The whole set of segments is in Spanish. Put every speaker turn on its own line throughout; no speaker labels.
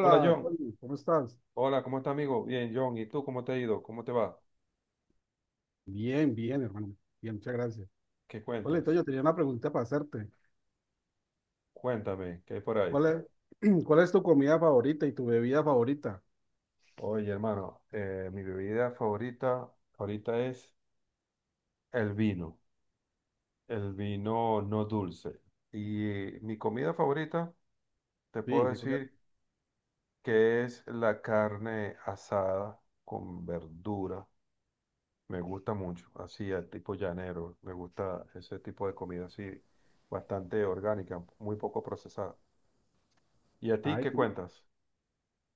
Hola John,
Poli, ¿cómo estás?
hola, ¿cómo estás amigo? Bien, John, ¿y tú cómo te ha ido? ¿Cómo te va?
Bien, hermano. Bien, muchas gracias.
¿Qué
Poli, entonces
cuentas?
yo tenía una pregunta para hacerte.
Cuéntame, ¿qué hay por ahí?
¿Cuál es, cuál es tu comida favorita y tu bebida favorita?
Oye, hermano, mi bebida favorita ahorita es el vino, el vino no dulce. Y mi comida favorita, te puedo
Sí, ¿qué comida?
decir que es la carne asada con verdura. Me gusta mucho, así, al tipo llanero. Me gusta ese tipo de comida así, bastante orgánica, muy poco procesada. ¿Y a ti
Ay,
qué
¿tú,
cuentas?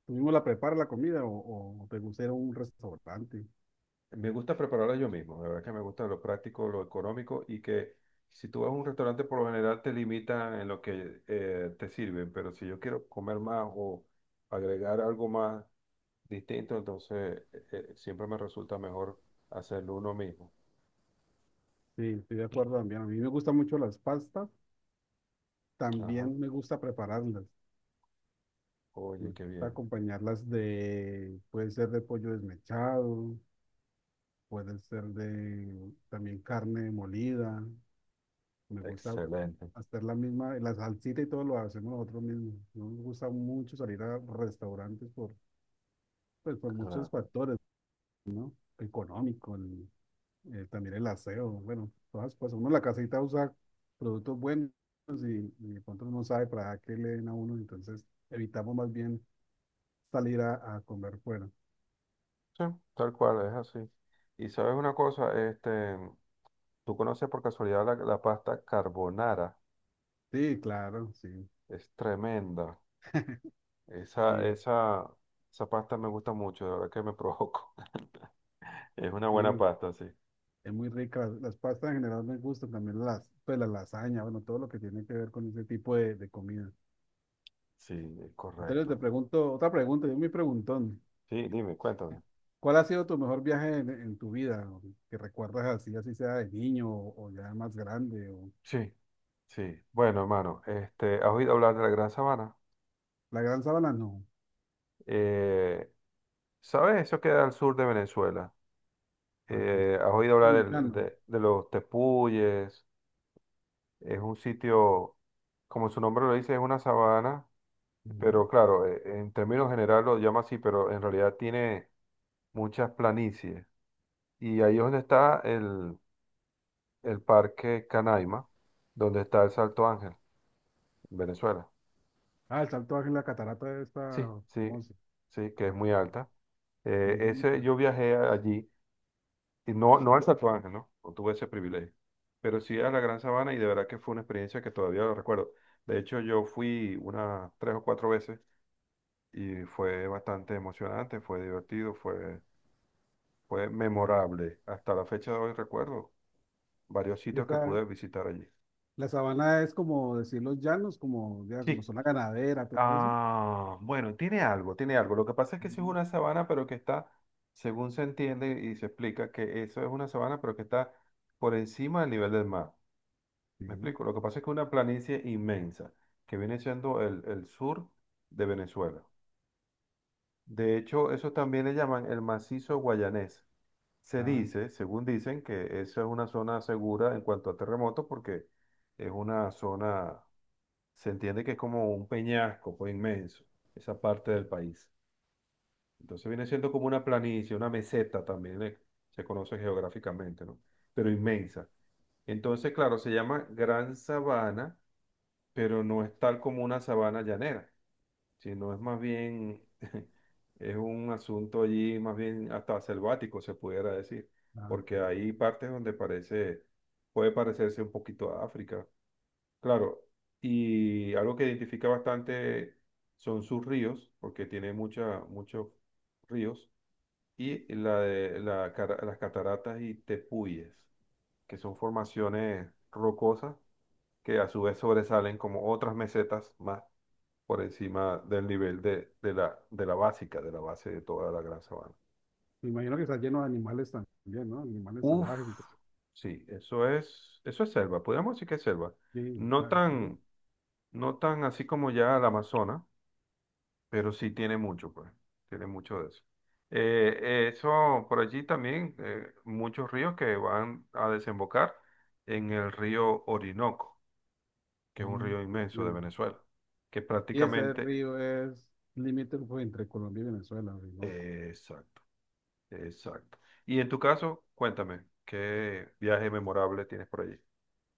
tú mismo la preparas la comida o te gusta ir a un restaurante?
Me gusta prepararla yo mismo, la verdad que me gusta lo práctico, lo económico y que si tú vas a un restaurante por lo general te limitan en lo que te sirven, pero si yo quiero comer más o agregar algo más distinto, entonces siempre me resulta mejor hacerlo uno mismo.
Sí, estoy de acuerdo también. A mí me gustan mucho las pastas.
Ajá.
También me gusta prepararlas. Me
Oye, qué
gusta
bien.
acompañarlas de, puede ser de pollo desmechado, puede ser de también carne molida. Me gusta
Excelente.
hacer la misma, la salsita y todo lo hacemos nosotros mismos. No me gusta mucho salir a restaurantes por, pues, por
Ah,
muchos factores, ¿no? Económico, también el aseo, bueno, todas las cosas. Uno en la casita usa productos buenos y de pronto uno no sabe para qué le den a uno, entonces evitamos más bien salir a comer fuera.
sí, tal cual, es así. Y sabes una cosa, este, tú conoces por casualidad la pasta carbonara,
Sí, claro, sí.
es tremenda. Esa,
Y,
esa, esa pasta me gusta mucho, de verdad que me provoco. Es una buena
y
pasta, sí.
es muy rica. Las pastas en general me gustan, también las, pues la lasaña, bueno, todo lo que tiene que ver con ese tipo de comida.
Sí, es
Entonces te
correcto.
pregunto, otra pregunta, yo me preguntón.
Sí, dime, cuéntame.
¿Cuál ha sido tu mejor viaje en tu vida? O que recuerdas así, así sea de niño o ya más grande. O...
Sí, sí. Bueno, hermano, este, ¿has oído hablar de la Gran Sabana?
La Gran Sabana no.
Eh, ¿Sabes? Eso queda al sur de Venezuela.
Ah, no.
¿Has oído hablar
Dominicano.
de los tepuyes? Es un sitio, como su nombre lo dice, es una sabana,
Ujú.
pero claro, en términos generales lo llama así, pero en realidad tiene muchas planicies. Y ahí es donde está el Parque Canaima, donde está el Salto Ángel, en Venezuela.
Ah, el Salto Ángel, la catarata está
Sí, sí,
famosa.
sí, que es muy
Ah,
alta.
muy bonita.
Yo viajé allí, y no, no al Salto Ángel, ¿no? No tuve ese privilegio. Pero sí a la Gran Sabana y de verdad que fue una experiencia que todavía lo recuerdo. De hecho, yo fui unas tres o cuatro veces y fue bastante emocionante, fue divertido, fue, fue memorable. Hasta la fecha de hoy recuerdo varios
Y
sitios que
esta,
pude visitar allí.
la sabana es como decir los llanos, como, ya, como
Sí.
zona ganadera, todo eso.
Ah, bueno, tiene algo, tiene algo. Lo que pasa es que sí es
Ujú.
una sabana, pero que está, según se entiende y se explica, que eso es una sabana, pero que está por encima del nivel del mar. ¿Me
Sí.
explico? Lo que pasa es que es una planicie inmensa, que viene siendo el sur de Venezuela. De hecho, eso también le llaman el macizo guayanés. Se
Ah,
dice, según dicen, que esa es una zona segura en cuanto a terremotos, porque es una zona, se entiende que es como un peñasco, pues, inmenso, esa parte del país. Entonces viene siendo como una planicie, una meseta también, se conoce geográficamente, ¿no? Pero inmensa. Entonces, claro, se llama Gran Sabana, pero no es tal como una sabana llanera, sino es más bien, es un asunto allí más bien hasta selvático, se pudiera decir,
ah, qué
porque
bueno.
hay partes donde parece, puede parecerse un poquito a África, claro. Y algo que identifica bastante son sus ríos, porque tiene mucha, muchos ríos y la de la las cataratas y tepuyes, que son formaciones rocosas que a su vez sobresalen como otras mesetas más por encima del nivel de la básica, de la base de toda la gran sabana.
Me imagino que está lleno de animales también, ¿no? Animales
Uf,
salvajes y todo.
sí, eso es selva, podríamos decir que es selva.
Sí,
No
está...
tan, no tan así como ya la Amazonas, pero sí tiene mucho, pues, tiene mucho de eso. Eso por allí también, muchos ríos que van a desembocar en el río Orinoco, que es un
Mm,
río inmenso de
entiendo.
Venezuela, que
Y ese
prácticamente,
río es límite pues, entre Colombia y Venezuela, Orinoco.
exacto, exacto. Y en tu caso, cuéntame, ¿qué viaje memorable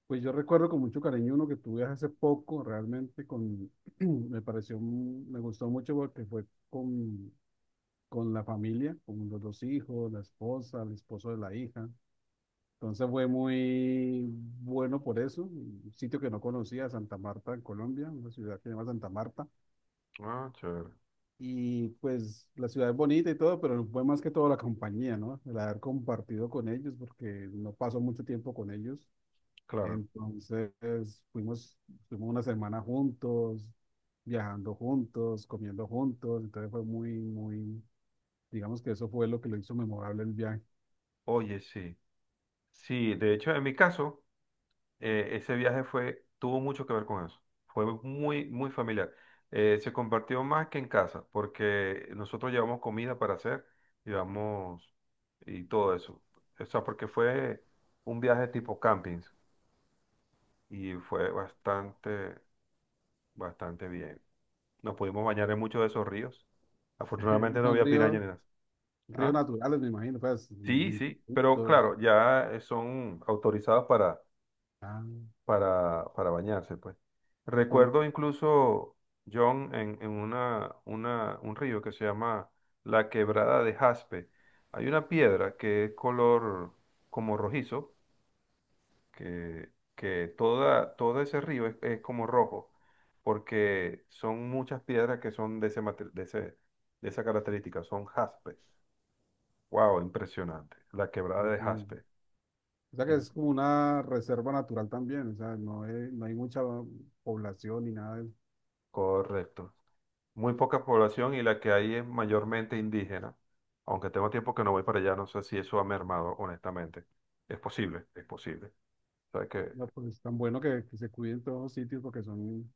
Pues yo recuerdo con mucho cariño uno que tuve hace poco, realmente con, me pareció, un... me gustó mucho porque fue con la familia, con los dos hijos, la esposa, el esposo de la hija. Entonces fue muy bueno por eso. Un sitio que no conocía, Santa Marta, en Colombia, una ciudad que se llama Santa Marta. Y pues la ciudad es bonita y todo, pero fue más que todo la compañía, ¿no? El haber compartido con ellos, porque no pasó mucho tiempo con ellos. Entonces fuimos, fuimos una semana juntos, viajando juntos, comiendo juntos. Entonces fue digamos que eso fue lo que lo hizo memorable el viaje.
ese viaje fue, tuvo mucho que ver con eso. Fue muy, muy familiar. Se compartió más que en casa, porque nosotros llevamos comida para hacer, llevamos y todo eso. O sea, porque fue un viaje tipo campings y fue bastante, bastante bien. Nos pudimos bañar en muchos de esos ríos. Afortunadamente
Y
no
son
había pirañas ni nada.
ríos
Ah,
naturales, me imagino, pues,
sí, sí, pero
limpiecitos.
claro, ya son autorizados para
Ah,
para bañarse, pues.
son,
Recuerdo incluso, John, un río que se llama la Quebrada de Jaspe. Hay una piedra que es color como rojizo, que toda, todo ese río es como rojo, porque son muchas piedras que son de ese, de esa característica, son jaspes. Wow, impresionante. La Quebrada de
entiendo.
Jaspe.
O sea que
In-
es como una reserva natural también, o sea, no hay mucha población ni nada de eso.
Correcto. Muy poca población y la que hay es mayormente indígena. Aunque tengo tiempo que no voy para allá, no sé si eso ha mermado, honestamente. Es posible, es posible. ¿Sabes qué?
No, pues es tan bueno que se cuiden todos los sitios porque son,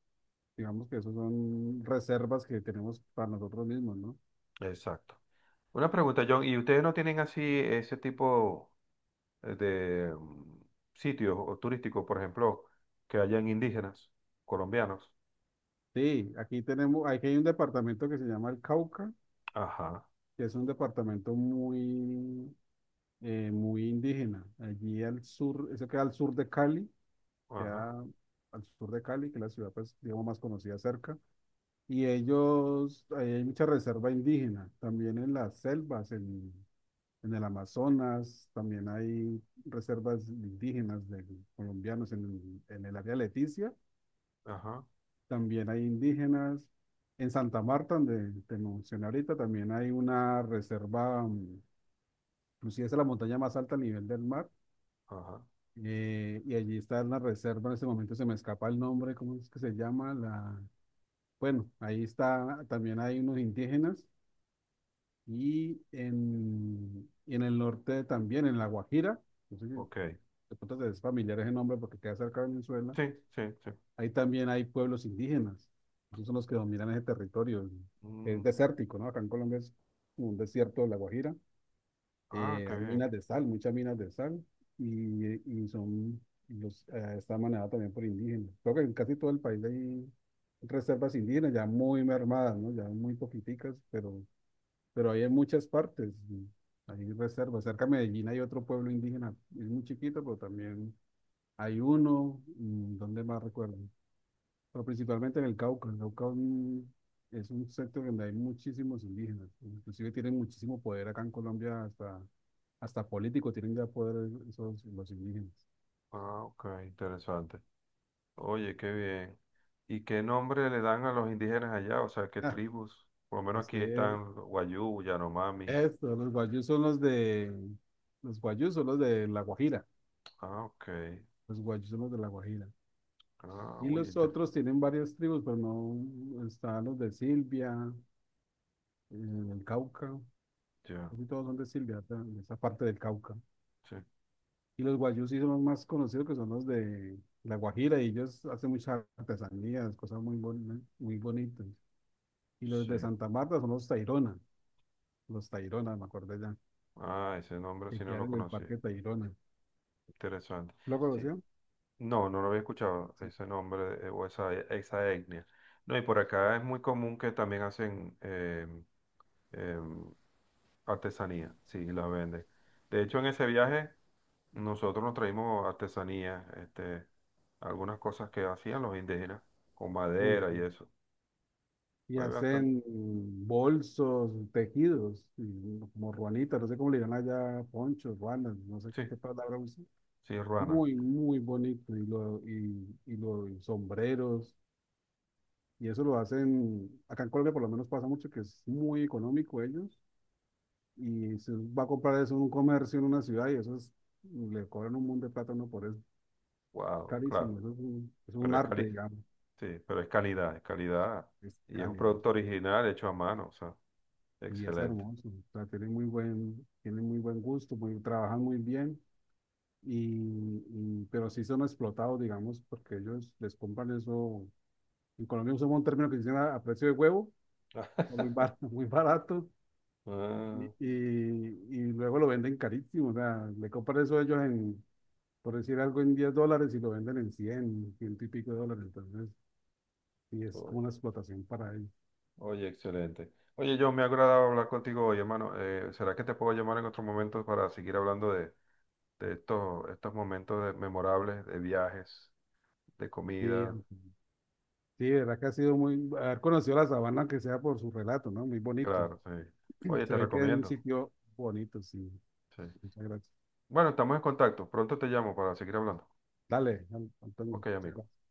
digamos que esos son reservas que tenemos para nosotros mismos, ¿no?
Exacto. Una pregunta, John, ¿y ustedes no tienen así ese tipo eh, de mm, sitios o turísticos, por ejemplo, que hayan indígenas, colombianos?
Sí, aquí tenemos, aquí hay un departamento que se llama el Cauca,
Ajá,
que es un departamento muy, muy indígena. Allí al sur, eso queda al sur de Cali,
ajá,
queda al sur de Cali, que es la ciudad, pues, digamos, más conocida cerca. Y ellos, hay mucha reserva indígena, también en las selvas, en el Amazonas, también hay reservas indígenas de colombianos en el área de Leticia,
ajá,
también hay indígenas. En Santa Marta, donde te mencioné ahorita, también hay una reserva, inclusive es la montaña más alta a nivel del mar,
ajá.
y allí está la reserva, en ese momento se me escapa el nombre, ¿cómo es que se llama? La... Bueno, ahí está, también hay unos indígenas y en el norte también, en La Guajira, no sé si
Ok.
de pronto es familiar ese nombre porque queda cerca de Venezuela,
Sí, sí, sí.
ahí también hay pueblos indígenas, esos son los que dominan ese territorio, es
Mm,
desértico, ¿no? Acá en Colombia es como un desierto de La Guajira,
ah, qué
hay
bien.
minas de sal, muchas minas de sal, y, y son, los, está manejada también por indígenas. Creo que en casi todo el país hay reservas indígenas ya muy mermadas, ¿no? Ya muy poquiticas, pero ahí hay en muchas partes, hay reservas. Cerca de Medellín hay otro pueblo indígena, es muy chiquito, pero también hay uno, mm, ¿dónde más recuerdo? Pero principalmente en el Cauca. El Cauca mm, es un sector donde hay muchísimos indígenas, inclusive tienen muchísimo poder acá en Colombia, hasta político tienen ya poder esos, los indígenas.
Ah, ok, interesante. Oye, qué bien. ¿Y qué nombre le dan a los indígenas allá? O sea, ¿qué
Ah,
tribus? Por lo menos aquí
estoy,
están Wayuu, Yanomami.
los guayús son los guayús son los de La Guajira,
Ah, ok.
los guayús son los de La Guajira.
Ah,
Y
oye,
los
inter-
otros tienen varias tribus, pero no están los de Silvia, eh, el Cauca,
ya.
casi todos son de Silvia, ta- de esa parte del Cauca.
Sí,
Y los guayús sí son más conocidos, que son los de La Guajira, y ellos hacen muchas artesanías, cosas muy, boni- muy bonitas. Y los
sí.
de Santa Marta son los los Tairona, me acordé ya,
Ah, ese nombre
que
sí no lo
quedaron en el
conocí.
Parque Tairona.
Interesante.
¿Lo
Sí.
conoció?
No, no lo había escuchado,
Sí.
ese nombre o esa etnia. No, y por acá es muy común que también hacen em, artesanía, sí, la vende. De hecho, en ese viaje nosotros nos traímos artesanía, este, algunas cosas que hacían los indígenas, con
Uy,
madera y
sí.
eso.
Y
Fue bastante,
hacen bolsos, tejidos, y como ruanitas, no sé cómo le llaman allá, ponchos, ruanas, no sé qué,
sí,
qué palabra usan.
sí, ruana.
Muy, muy bonito, y los sombreros, y eso lo hacen, acá en Colombia por lo menos pasa mucho que es muy económico ellos, y se va a comprar eso en un comercio en una ciudad, y eso es, le cobran un montón de plata a uno por eso,
Wow,
carísimo,
claro.
es un
Pero es cali,
arte, digamos,
sí, pero es calidad, es calidad.
es
Y es un
cálido.
producto original hecho a mano, o sea,
Y es
excelente.
hermoso, o sea, tienen muy buen gusto, muy, trabajan muy bien, pero sí son explotados, digamos, porque ellos les compran eso. En Colombia usamos un término que dicen a precio de huevo, muy bar muy barato,
Ah,
y luego lo venden carísimo, o sea, le compran eso a ellos en, por decir algo, en $10 y lo venden en 100 100 y pico de dólares, entonces, sí es como
oye,
una explotación para ellos.
oye, excelente. Oye, John, me ha agradado hablar contigo hoy, hermano. ¿Será que te puedo llamar en otro momento para seguir hablando de estos, estos momentos memorables de viajes, de
Sí,
comida,
am- sí, de verdad que ha sido muy, haber conocido la sabana, que sea por su relato, ¿no? Muy bonito.
claro, sí. Oye,
Se
te
ve que es un
recomiendo.
sitio bonito, sí.
Sí.
Muchas gracias.
Bueno, estamos en contacto. Pronto te llamo para seguir hablando.
Dale, Antonio.
Ok,
Muchas
amigo.
gracias.